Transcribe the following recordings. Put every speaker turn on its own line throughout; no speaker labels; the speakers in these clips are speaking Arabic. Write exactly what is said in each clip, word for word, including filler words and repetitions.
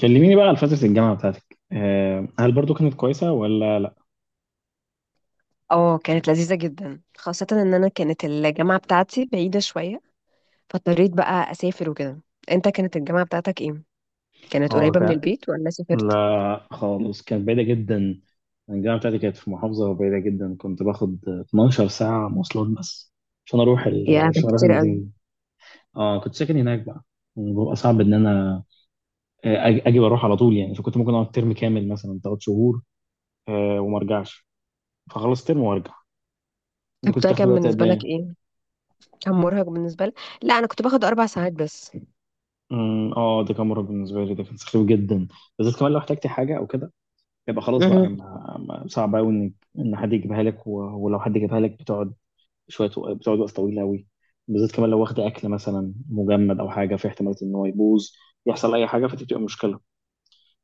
كلميني بقى على فترة الجامعة بتاعتك آه، هل برضو كانت كويسة ولا لا؟
اه، كانت لذيذة جدا، خاصة ان انا كانت الجامعة بتاعتي بعيدة شوية. فاضطريت بقى اسافر وكده. انت كانت الجامعة بتاعتك ايه؟ كانت
اه
قريبة من
ك...
البيت ولا سافرت؟
لا خالص كانت بعيدة جدا. الجامعة بتاعتي كانت في محافظة بعيدة جدا، كنت باخد اتناشر ساعة مواصلات بس عشان أروح
يا
ال...
ده
عشان أروح
كتير قوي.
المدينة دي. اه كنت ساكن هناك بقى. بيبقى صعب إن أنا آه، أج- أجي وأروح على طول يعني، فكنت ممكن أقعد ترم كامل مثلا تلات شهور آه، وما أرجعش، فخلص ترم وأرجع. أنت
طب
كنت
ده
بتاخد
كان
وقت قد
بالنسبة لك
إيه؟
ايه؟ كان مرهق بالنسبة لك؟ لا، انا كنت باخد اربع ساعات بس.
أمم، اه ده كان مرة بالنسبة لي، ده كان سخيف جدا، بالذات كمان لو احتجت حاجة أو كده. يبقى خلاص بقى
مهم.
ما ما- صعب قوي ان ان حد يجيبها لك و- ولو حد جابها لك بتقعد شويه وق- بتقعد وقت طويل قوي، بالذات كمان لو واخد اكل مثلا مجمد او حاجه، في احتمال ان هو يبوظ، يحصل اي حاجه فتبقى مشكله.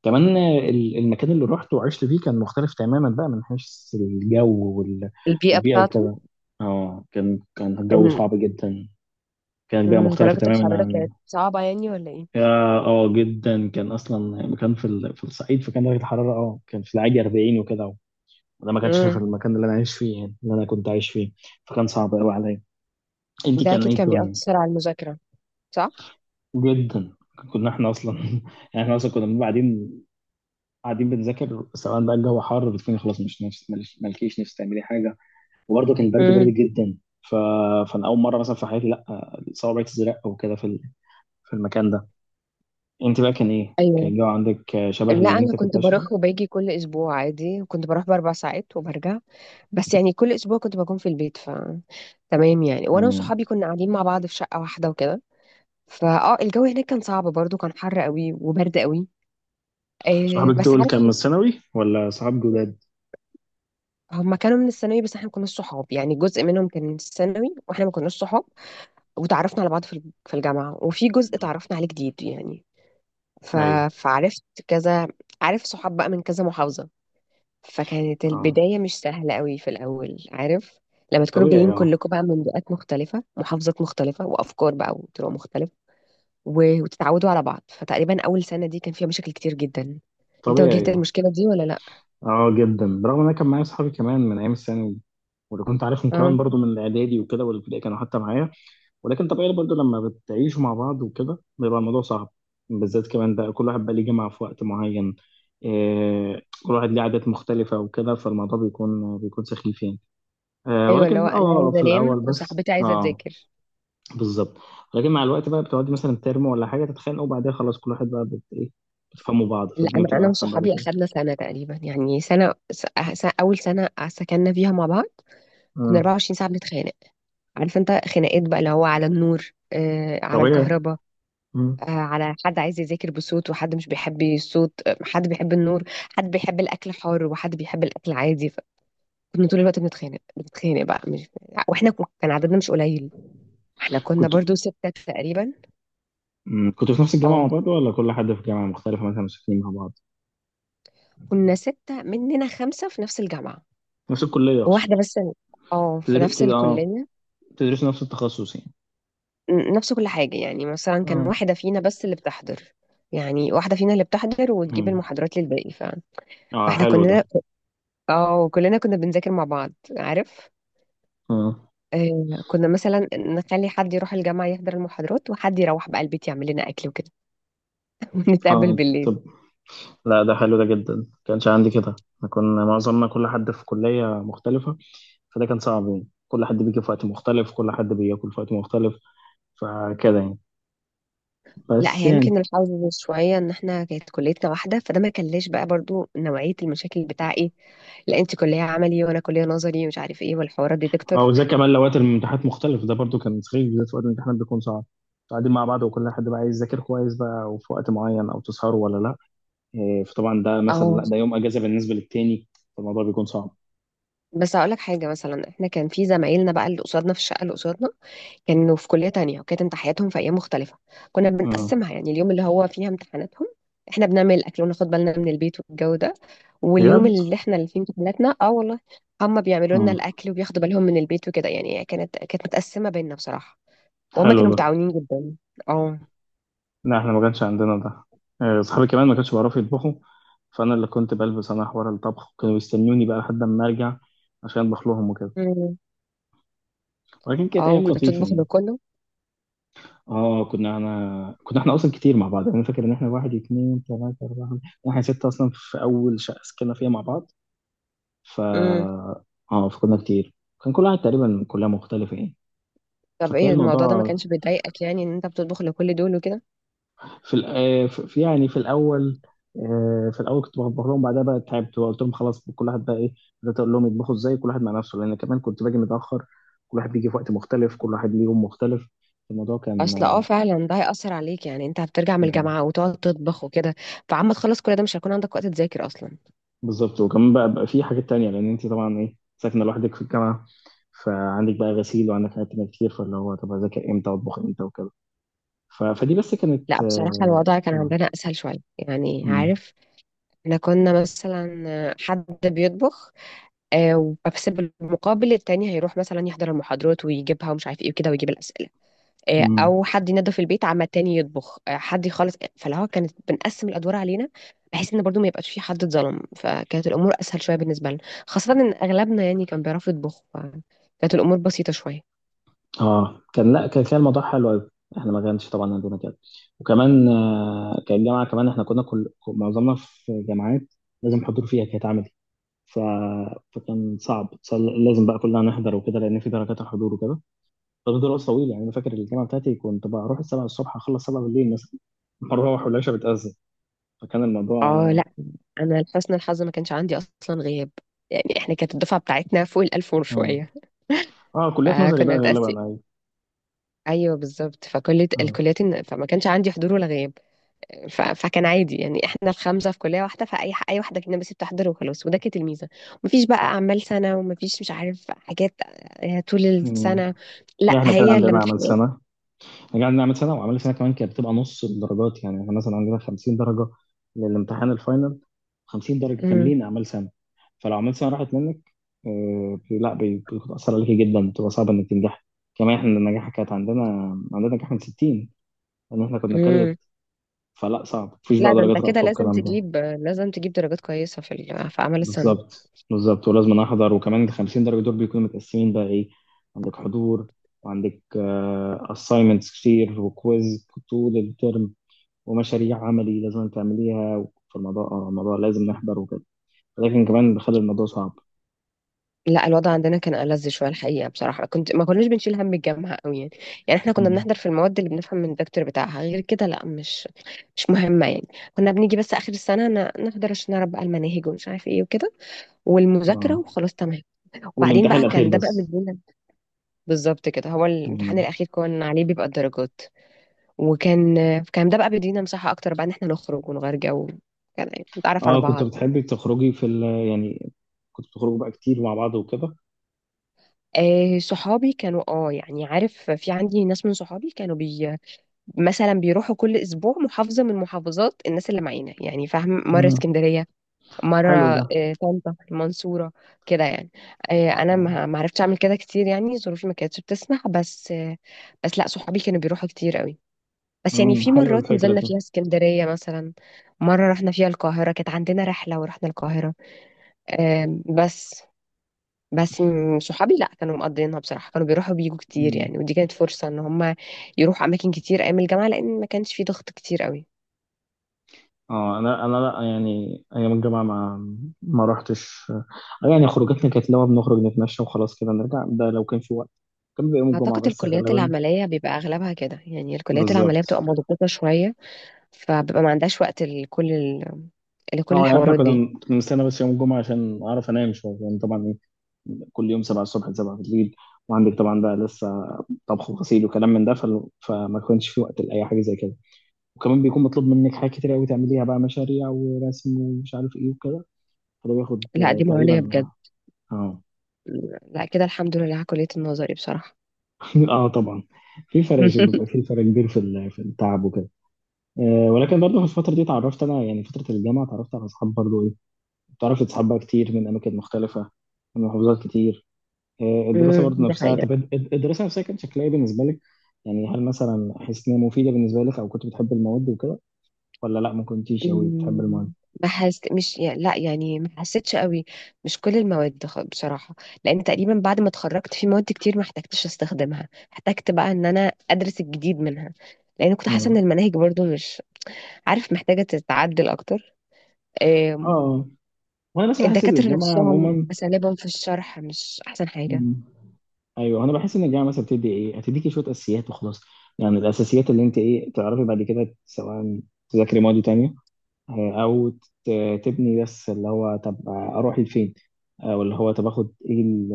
كمان آه، ال- المكان اللي رحت وعشت فيه كان مختلف تماما بقى من حيث الجو وال-
البيئة
والبيئه
بتاعته.
وكده. اه كان كان الجو
ان.
صعب جدا. كانت بيئه
مم،
مختلفه
درجة
تماما
الحرارة
عن
كانت صعبة يعني ولا ايه؟
اه آه، جدا. كان اصلا مكان في ال- في الصعيد، فكان درجه الحراره اه كان في العادي اربعين وكده. انا ما كانش في
مم.
المكان اللي انا عايش فيه، يعني اللي انا كنت عايش فيه فكان صعب قوي عليا. انت
ده
كان
اكيد
ايه
كان
الدنيا؟
بيأثر على المذاكرة، صح؟
جدا. كنا احنا اصلا يعني احنا اصلا كنا بنبقى قاعدين قاعدين بنذاكر، سواء بقى الجو حر، بتكوني خلاص مش نفس مالش- مالكيش نفس تعملي حاجه. وبرضه كان برد برد
مم.
جدا. ف... فانا اول مره مثلا في حياتي لا صوابعي تزرق وكده في ال- في المكان ده. انت بقى كان ايه، كان
ايوه.
الجو عندك شبه
لا،
اللي
انا
انت كنت
كنت
عايش فيه؟
بروح وباجي كل اسبوع عادي، كنت بروح باربع ساعات وبرجع. بس يعني كل اسبوع كنت بكون في البيت، ف تمام يعني. وانا
مم.
وصحابي كنا قاعدين مع بعض في شقه واحده وكده. فاه الجو هناك كان صعب برضو، كان حر قوي وبرد قوي. آه
صحابك
بس
دول
عارف.
كان من الثانوي ولا صحاب جداد؟
هم كانوا من الثانوي، بس احنا ما كناش صحاب يعني. جزء منهم كان من الثانوي واحنا ما كناش صحاب، وتعرفنا على بعض في الج- في الجامعه، وفي جزء
مم.
تعرفنا عليه جديد يعني. ف...
ايوه.
فعرفت كذا، عارف، صحاب بقى من كذا محافظه. فكانت
اه.
البداية مش سهلة قوي في الأول، عارف، لما تكونوا
طبيعي
جايين
اه.
كلكم بقى من بيئات مختلفة، محافظات مختلفة، وأفكار بقى وطرق مختلفة، و- وتتعودوا على بعض. فتقريبا أول سنة دي كان فيها مشاكل كتير جدا. أنت واجهت
طبيعي اه.
المشكلة دي ولا لأ؟
اه جدا، برغم ان انا كان معايا اصحابي كمان من ايام الثانوي، واللي كنت عارفهم كمان
اه.
برضو من الاعدادي وكده، والابتدائي كانوا حتى معايا. ولكن طبيعي برضو لما بتعيشوا مع بعض وكده بيبقى الموضوع صعب، بالذات كمان بقى كل واحد بقى ليه جامعة في وقت معين. إيه، كل واحد ليه عادات مختلفة وكده، فالموضوع بيكون بيكون سخيف يعني. آه
أيوة، اللي هو
ولكن
أنا
اه
عايزة
في
أنام
الاول بس
وصاحبتي عايزة
اه
تذاكر.
بالظبط. لكن مع الوقت بقى بتقعدي مثلا ترموا ولا حاجة، تتخانقوا وبعدها خلاص كل واحد بقى بت ايه، بتفهموا بعض،
لا،
فالدنيا
أنا
بتبقى
أنا
احسن بعد
وصحابي
كده.
أخدنا سنة تقريبا. يعني سنة س- س- أول سنة سكننا فيها مع بعض كنا
آه.
24 ساعة بنتخانق. عارف أنت، خناقات بقى اللي هو على النور، آه على
طبيعي.
الكهرباء،
مم.
آه، على حد عايز يذاكر بصوت وحد مش بيحب الصوت، آه، حد بيحب النور، حد بيحب الاكل حار وحد بيحب الاكل عادي. فكنا طول الوقت بنتخانق بنتخانق بقى، مش واحنا كو- كان عددنا مش قليل. احنا كنا
كنت
برضو ستة تقريبا.
مم، كنتوا في نفس الجامعة مع
اه،
بعض ولا كل حد في جامعة مختلفة مثلا ساكنين مع بعض؟
كنا ستة مننا خمسة في نفس الجامعة.
نفس الكلية أقصد.
وواحدة بس. اه، في
تدر...
نفس
تد... آه
الكلية.
تدرسوا نفس التخصص يعني؟
ن- نفس كل حاجة، يعني مثلا كان
اه.
واحدة فينا بس اللي بتحضر. يعني واحدة فينا اللي بتحضر وتجيب
مم.
المحاضرات للباقي. ف...
اه
فاحنا
حلو ده.
كنا، اه، كلنا كنا بنذاكر مع بعض، عارف.
اه.
آه، كنا مثلا نخلي حد يروح الجامعة يحضر المحاضرات وحد يروح بقى البيت يعمل لنا أكل وكده. ونتقابل
آه،
بالليل.
طب لا، ده حلو ده جدا، ما كانش عندي كده، احنا كنا معظمنا كل حد في كلية مختلفة، فده كان صعب يعني، كل حد بيجي في وقت مختلف، كل حد بياكل في وقت مختلف فكده يعني،
لا،
بس
هي
يعني،
يمكن الحظ شوية إن إحنا كانت كليتنا واحدة، فده ما كلاش بقى برضو نوعية المشاكل بتاع إيه، لا أنت كلية عملي وأنا كلية نظري ومش عارف إيه والحوارات دي، دكتور.
او زي كمان لو وقت الامتحانات مختلف ده برضو، كان تخيل، بالذات في وقت الامتحانات بيكون صعب، قاعدين مع بعض وكل حد بقى عايز يذاكر كويس بقى وفي وقت معين، او تسهروا ولا لا، إيه، فطبعا ده مثلا
أه
لا، ده يوم اجازه بالنسبه للتاني فالموضوع بيكون صعب.
بس هقول لك حاجة، مثلا إحنا كان في زمايلنا بقى اللي قصادنا، في الشقة اللي قصادنا كانوا في كلية تانية وكانت امتحاناتهم في أيام مختلفة. كنا بنقسمها،
آه.
يعني اليوم اللي هو فيها امتحاناتهم احنا بنعمل الأكل وناخد بالنا من البيت والجو ده، واليوم
بجد.
اللي احنا اللي فيه امتحاناتنا، اه والله، هم بيعملوا لنا
مم.
الأكل وبياخدوا بالهم من البيت وكده يعني. كانت كانت متقسمة بينا بصراحة، وهم
حلو
كانوا
ده.
متعاونين جدا. اه.
لا احنا ما كانش عندنا ده. آه، اصحابي كمان ما كانش بيعرفوا يطبخوا، فانا اللي كنت بلبس انا حوار الطبخ، وكانوا يستنوني بقى لحد ما ارجع عشان اطبخ لهم وكده.
مم.
ولكن كانت
اه،
ايام
وكنت
لطيفه
بتطبخ
يعني.
لكله.
اه كنا، انا كنا احنا اصلا كتير مع بعض يعني، انا فاكر ان احنا واحد اتنين تلاته اربعه خمسه، احنا سته اصلا في اول شقه سكننا فيها مع بعض. ف
مم.
اه فكنا كتير، كان كل واحد تقريبا من كلها مختلفه يعني.
طب
فكان
ايه الموضوع ده ما
الموضوع
كانش بيضايقك، يعني ان انت بتطبخ لكل دول وكده؟
في، الأ... آه، في يعني في الاول آه، في الاول كنت بطبخ لهم، بعدها بقى تعبت وقلت لهم خلاص كل واحد بقى ايه، بدات اقول لهم يطبخوا ازاي كل واحد مع نفسه، لان كمان كنت باجي متاخر، كل واحد بيجي في وقت مختلف، كل واحد ليه يوم مختلف، الموضوع كان
اصل اه فعلا ده هيأثر عليك، يعني انت هترجع من
آه،
الجامعة وتقعد تطبخ وكده. فعما تخلص كل ده مش هيكون عندك وقت تذاكر اصلا.
بالظبط. وكمان بقى بقى في حاجات تانية، لأن أنت طبعا إيه، ساكنة لوحدك في الجامعة فعندك بقى غسيل وعندك حاجات تانية كتير، فاللي هو طب أذاكر إمتى، أطبخ إمتى وكده. ف... فدي بس
لا
كانت
بصراحة
آه.
الوضع كان
آه.
عندنا اسهل شوية، يعني
مم.
عارف، احنا كنا مثلا آه، حد بيطبخ، آه، وبس بالمقابل التاني هيروح مثلا يحضر المحاضرات ويجيبها ومش عارف ايه وكده، ويجيب الأسئلة، آه،
مم.
او حد ينظف البيت عما التاني يطبخ، آه، حد يخلص. فاللي هو كانت بنقسم الادوار علينا، بحيث ان برضو ما يبقاش في حد اتظلم. فكانت الامور اسهل شويه بالنسبه لنا، خاصه ان اغلبنا يعني كان بيعرفوا يطبخوا، فكانت الامور بسيطه شويه.
آه، كان لا كان كان الموضوع حلو أوي، إحنا ما كانش طبعا عندنا كده. وكمان آه كان الجامعة كمان، إحنا كنا كل معظمنا في جامعات لازم حضور فيها، كانت عملي. ف... فكان صعب صل- لازم بقى كلنا نحضر وكده، لأن في درجات الحضور وكده. طب دراسة طويلة يعني، أنا فاكر الجامعة بتاعتي كنت بروح السبعة الصبح أخلص سبعة بالليل مثلا، بروح والعشاء بتأذن، فكان الموضوع
اه لا، انا لحسن الحظ ما كانش عندي اصلا غياب. يعني احنا كانت الدفعه بتاعتنا فوق الالف
آه.
وشويه،
آه كليات نظري
فكنا
بقى غالبا،
متقسم.
أيوة.
ايوه بالظبط، فكل
آه.
الكليات، فما كانش عندي حضور ولا غياب. ف... فكان عادي، يعني احنا الخمسه في كليه واحده، فاي ح- اي واحده فينا بس بتحضر وخلاص. وده كانت الميزه، مفيش بقى اعمال سنه ومفيش مش عارف حاجات. آه، طول
مم.
السنه لا،
يعني إحنا كده
هي
عندنا عمل
الامتحانات.
سنة، يعني عندنا عمل سنة، وعمل سنة كمان كانت بتبقى نص الدرجات، يعني إحنا مثلا عندنا خمسين درجة للامتحان الفاينل، خمسين درجة
امم.
كاملين أعمال سنة، فلو عملت سنة راحت منك. آه، بي- لا بي- بتأثر عليك جدا، بتبقى صعبة إنك تنجح، كمان إحنا النجاح كانت عندنا، عندنا نجاح من ستين، لأن إحنا كنا،
امم.
فلا صعب مفيش
لا
بقى
ده انت
درجات
كده
رأفة
لازم
والكلام ده.
تجيب، لازم تجيب درجات كويسه في ال... في اعمال السنه.
بالظبط بالظبط، ولازم احضر، وكمان ال خمسين درجة دول بيكونوا متقسمين بقى ايه، عندك حضور، وعندك آه، assignments كتير وكويز طول الترم، ومشاريع عملي لازم تعمليها، فالموضوع اه الموضوع لازم نحضر وكده، لكن كمان بيخلي الموضوع صعب.
لا الوضع عندنا كان ألذ شويه الحقيقه بصراحه، كنت ما كناش بنشيل هم الجامعه قوي يعني. يعني احنا كنا
مم.
بنحضر في المواد اللي بنفهم من الدكتور بتاعها، غير كده لا، مش مش مهمه يعني. كنا بنيجي بس اخر السنه ن- نحضر عشان نعرف بقى المناهج ومش عارف ايه وكده،
اه.
والمذاكرة وخلاص تمام. وبعدين
والامتحان
بقى
الأخير
كان ده بقى
بس.
بيدينا، بالظبط كده، هو الامتحان
مم.
الأخير كان عليه بيبقى الدرجات. وكان كان ده بقى بيدينا مساحة أكتر بقى، إن احنا نخرج ونغير جو كده، يعني نتعرف على
اه كنت
بعض.
بتحبي تخرجي في ال يعني، كنت بتخرجوا بقى كتير مع بعض وكده؟
آه صحابي كانوا، اه يعني عارف، في عندي ناس من صحابي كانوا بي مثلا بيروحوا كل اسبوع محافظة من محافظات الناس اللي معانا، يعني فاهم، مرة
مم.
اسكندرية، مرة،
حلو ده.
آه، طنطا، المنصورة، كده يعني. آه، أنا
آه.
ما ما عرفتش أعمل كده كتير، يعني ظروفي ما كانتش بتسمح بس آه، بس لأ، صحابي كانوا بيروحوا كتير قوي، بس يعني
مم،
في
حلوة
مرات نزلنا
الفكرة
فيها اسكندرية مثلا. مرة رحنا فيها القاهرة، كانت عندنا رحلة ورحنا القاهرة. آم، بس بس م- صحابي لأ كانوا مقضيينها بصراحة، كانوا بيروحوا بيجوا
دي.
كتير يعني. ودي كانت فرصة إن هما يروحوا أماكن كتير أيام الجامعة، لأن ما كانش في ضغط كتير قوي.
اه انا انا لا، يعني ايام الجامعه ما، ما رحتش آه، يعني خروجاتنا كانت لو بنخرج نتمشى وخلاص كده نرجع، ده لو كان في وقت كان بيبقى يوم الجمعه
أعتقد
بس
الكليات
غالبا.
العملية بيبقى أغلبها كده يعني، الكليات العملية
بالظبط.
بتبقى مضغوطة شوية، فببقى ما عندهاش وقت لكل ال... لكل
اه يعني احنا
الحوارات
كنا
دي.
كنا بنستنى بس يوم الجمعه عشان اعرف انام شويه، يعني طبعا ايه، كل يوم سبعة الصبح ل سبعة بالليل، وعندك طبعا بقى لسه طبخ وغسيل وكلام من ده، فال- فما كانش في وقت لاي حاجه زي كده. وكمان بيكون مطلوب منك حاجات كتير قوي تعمليها بقى، مشاريع ورسم ومش عارف ايه وكده، فده بياخد
لا
آه،
دي معاناة
تقريبا.
بجد.
اه.
لا كده الحمد لله على كلية النظري بصراحة.
اه طبعا. في فرق بيبقى، في فرق كبير في ال- في التعب وكده. آه ولكن برضه في الفتره دي اتعرفت انا يعني، فتره الجامعه اتعرفت على اصحاب برضه ايه، اتعرفت اصحاب بقى كتير من اماكن مختلفه، من محافظات كتير. آه الدراسه
امم
برضه
دي
نفسها،
حقيقة.
طب الد- الدراسه نفسها كانت شكلها ايه بالنسبه لك؟ يعني هل مثلا حسيت ان هي مفيده بالنسبه لك، او كنت بتحب المواد وكده، ولا لا ما كنتيش قوي بتحب المواد؟
امم ما حس مش يعني لا يعني ما حسيتش قوي. مش كل المواد، خ- بصراحة، لأن تقريبا بعد ما اتخرجت في مواد كتير ما احتجتش استخدمها، احتجت بقى ان انا ادرس الجديد منها، لأن كنت حاسة ان
اه.
المناهج برضو مش عارف محتاجة تتعدل اكتر. آم،
اه وانا بس بحس ان
الدكاترة
الجامعه
نفسهم
عموما.
أساليبهم في الشرح مش أحسن حاجة.
مم. ايوه انا بحس ان الجامعه مثلا بتدي ايه، هتديكي شويه اساسيات وخلاص، يعني الاساسيات اللي انت ايه تعرفي بعد كده، سواء تذاكري مواد تانية آه، او ت- تبني، بس اللي هو طب اروح لفين، او اللي هو طب اخد ايه ال-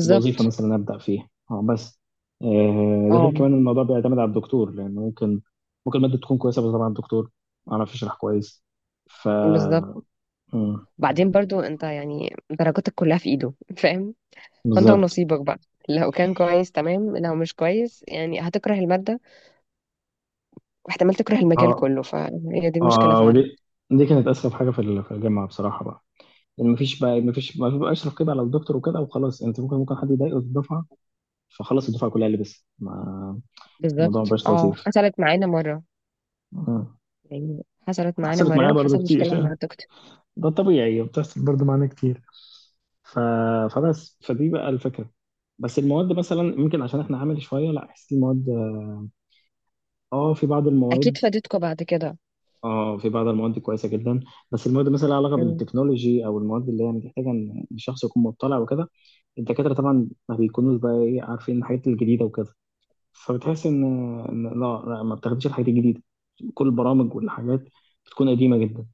إيه الوظيفه مثلا ابدا فيها اه بس. آه، ده غير
اه
كمان الموضوع بيعتمد على الدكتور، لان ممكن ممكن الماده تكون كويسه، بس طبعا الدكتور ما عرفش يشرح كويس. ف.
بالظبط.
مم،
بعدين برضو انت يعني درجاتك كلها في ايده فاهم، فانت
بالظبط.
ونصيبك بقى، لو كان كويس تمام، لو مش كويس يعني هتكره المادة واحتمال تكره المجال
اه.
كله. فهي دي المشكلة
اه
فعلا.
ودي، دي كانت اسخف حاجه في ال- في الجامعه بصراحه بقى، يعني مفيش بقى مفيش ما بيبقاش رقيب على الدكتور وكده وخلاص، يعني انت ممكن ممكن حد يضايقه في الدفعه، فخلاص الدفعه كلها لبست ما الموضوع
بالظبط،
مبقاش
اه
لطيف.
حصلت معانا مرة.
مم.
يعني حصلت معانا
حصلت
مرة
معايا برضو
وحصل مشكلة
كتير،
مع الدكتور.
ده طبيعي بتحصل برضو معانا كتير. ف. فبس فدي بقى الفكره، بس المواد مثلا ممكن عشان احنا عملي شويه لا احس المواد، اه في بعض
اكيد
المواد،
فادتكوا بعد كده.
اه في بعض المواد كويسه جدا، بس المواد مثلا لها علاقه بالتكنولوجي او المواد اللي هي محتاجه ان الشخص يكون مطلع وكده، الدكاتره طبعا ما بيكونوش بقى ايه عارفين الحاجات الجديده وكده، فبتحس ان إن لا لا ما بتاخدش الحاجات الجديده، كل البرامج والحاجات بتكون قديمه جدا.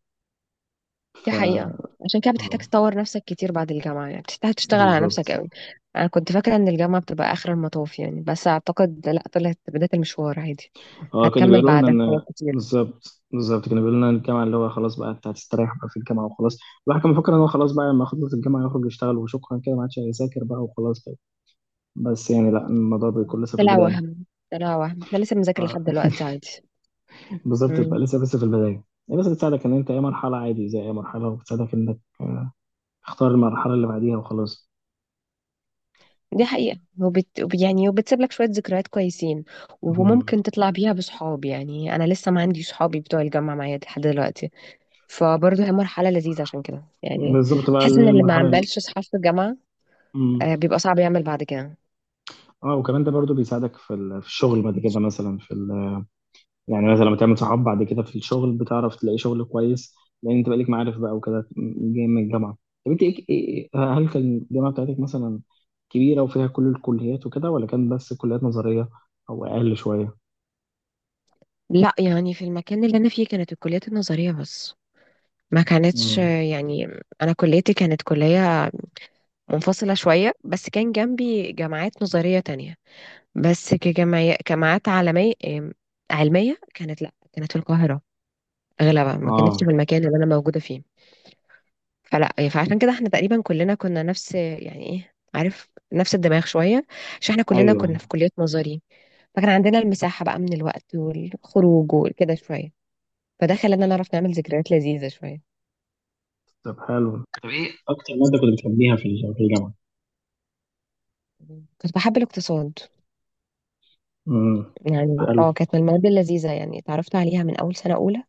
دي
ف.
حقيقة، عشان كده بتحتاج
آه،
تطور نفسك كتير بعد الجامعة، يعني بتحتاج تشتغل على نفسك
بالظبط.
قوي. أنا كنت فاكرة إن الجامعة بتبقى آخر المطاف يعني، بس أعتقد لأ، طلعت بداية المشوار عادي.
اه كانوا
هتكمل
بيقولوا لنا
بعدها حاجات
ان،
كتير.
بالظبط بالظبط كانوا بيقولوا لنا إن الجامعه اللي هو خلاص بقى انت هتستريح بقى في الجامعه وخلاص، الواحد كان مفكر ان هو خلاص بقى لما يخلص الجامعه يخرج يشتغل وشكرا كده، ما عادش هيذاكر بقى وخلاص. بس يعني لا الموضوع بيكون لسه في
طلع
البداية.
وهم، طلع وهم. احنا لسه بنذاكر
آه،
لحد دلوقتي عادي.
بالظبط بيبقى
امم
لسه بس في البداية، هي بس بتساعدك إن أنت أي مرحلة عادي زي أي مرحلة، وبتساعدك إنك آه، تختار المرحلة اللي بعديها وخلاص.
دي حقيقة. وبت... يعني وبتسيب لك شوية ذكريات كويسين،
مم.
وممكن تطلع بيها بصحاب. يعني أنا لسه ما عندي صحابي بتوع الجامعة معايا لحد دلوقتي. فبرضه هي مرحلة لذيذة عشان كده يعني.
بالظبط بقى
بحس إن اللي ما
المرحلة ال-.
عملش صحاب في الجامعة، آه،
مم.
بيبقى صعب يعمل بعد كده.
اه وكمان ده برضو بيساعدك في ال- في الشغل بعد كده مثلا في، يعني مثلا لما تعمل صحاب بعد كده في الشغل بتعرف تلاقي شغل كويس، لان انت بقالك معارف بقى وكده، جاي من الجامعه. طب انت إيه إيه- إيه، هل كان الجامعه بتاعتك مثلا كبيره وفيها كل الكليات وكده، ولا كان بس كليات نظريه، او اقل شويه؟
لا يعني في المكان اللي انا فيه كانت الكليات النظريه بس، ما كانتش
مم.
آه، يعني، انا كليتي كانت كليه منفصله شويه، بس كان جنبي جامعات نظريه تانية، بس كجمعي... جامعات عالميه، آم، علميه كانت، لا كانت في القاهره اغلبها، ما كانتش في
اه.
المكان اللي انا موجوده فيه. فلا فعشان كده احنا تقريبا كلنا كنا نفس يعني ايه عارف، نفس الدماغ شويه، عشان احنا
ايوه
كلنا كنا في
أيوة.
كليات نظري. فكان عندنا المساحه بقى من الوقت والخروج وكده شويه، فده خلانا نعرف نعمل ذكريات لذيذة شوية.
طب حلو. طب ايه اكتر ماده كنت بتحبيها في الج- في الجامعه؟
كنت بحب الاقتصاد.
امم
يعني
حلو.
اه كانت من المواد اللذيذة، يعني اتعرفت عليها من أول سنة أولى،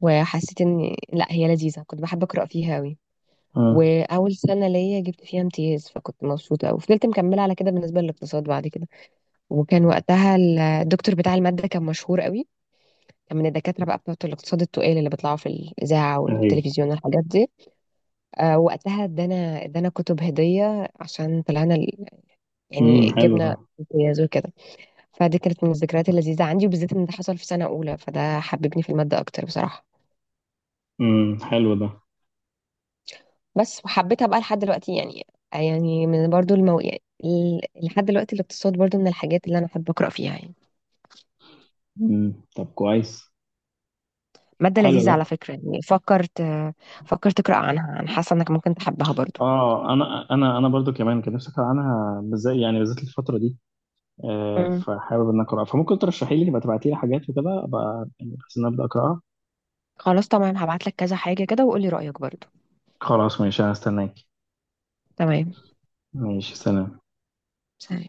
وحسيت إن لا هي لذيذة. كنت بحب أقرأ فيها أوي،
اه.
وأول سنة ليا جبت فيها امتياز، فكنت مبسوطة أوي. فضلت مكملة على كده بالنسبة للاقتصاد بعد كده. وكان وقتها ال- الدكتور بتاع المادة كان مشهور أوي، كان من الدكاترة بقى بتوع الاقتصاد التقال اللي بيطلعوا في الإذاعة
ايوه.
والتلفزيون والحاجات دي. آه وقتها ادانا ادانا كتب هدية عشان طلعنا ال-
امم
يعني
حلو ده.
جبنا امتياز وكده. فدي كانت من الذكريات اللذيذة عندي، وبالذات إن ده حصل في سنة أولى، فده حببني في المادة أكتر بصراحة.
امم حلو ده.
بس وحبيتها بقى لحد دلوقتي يعني. يعني من برضو المو... يعني ال- لحد دلوقتي الاقتصاد برضو من الحاجات اللي أنا أحب أقرأ فيها يعني.
امم طب كويس.
مادة
حلو
لذيذة
ده.
على فكرة، يعني فكرت، فكرت تقرأ عنها؟ أنا حاسة إنك ممكن تحبها برضو.
اه انا انا انا برضو كمان كان نفسي اقرا عنها، بالذات يعني بالذات الفتره دي، آه،
مم.
فحابب ان اقراها، فممكن ترشحي لي يبقى تبعتي لي حاجات وكده، ابقى يعني بحيث ان أنا ابدا اقراها.
خلاص تمام، هبعتلك كذا حاجة كده وقولي رأيك برضو.
خلاص ماشي هستناك.
تمام.
ماشي سلام.
سلام.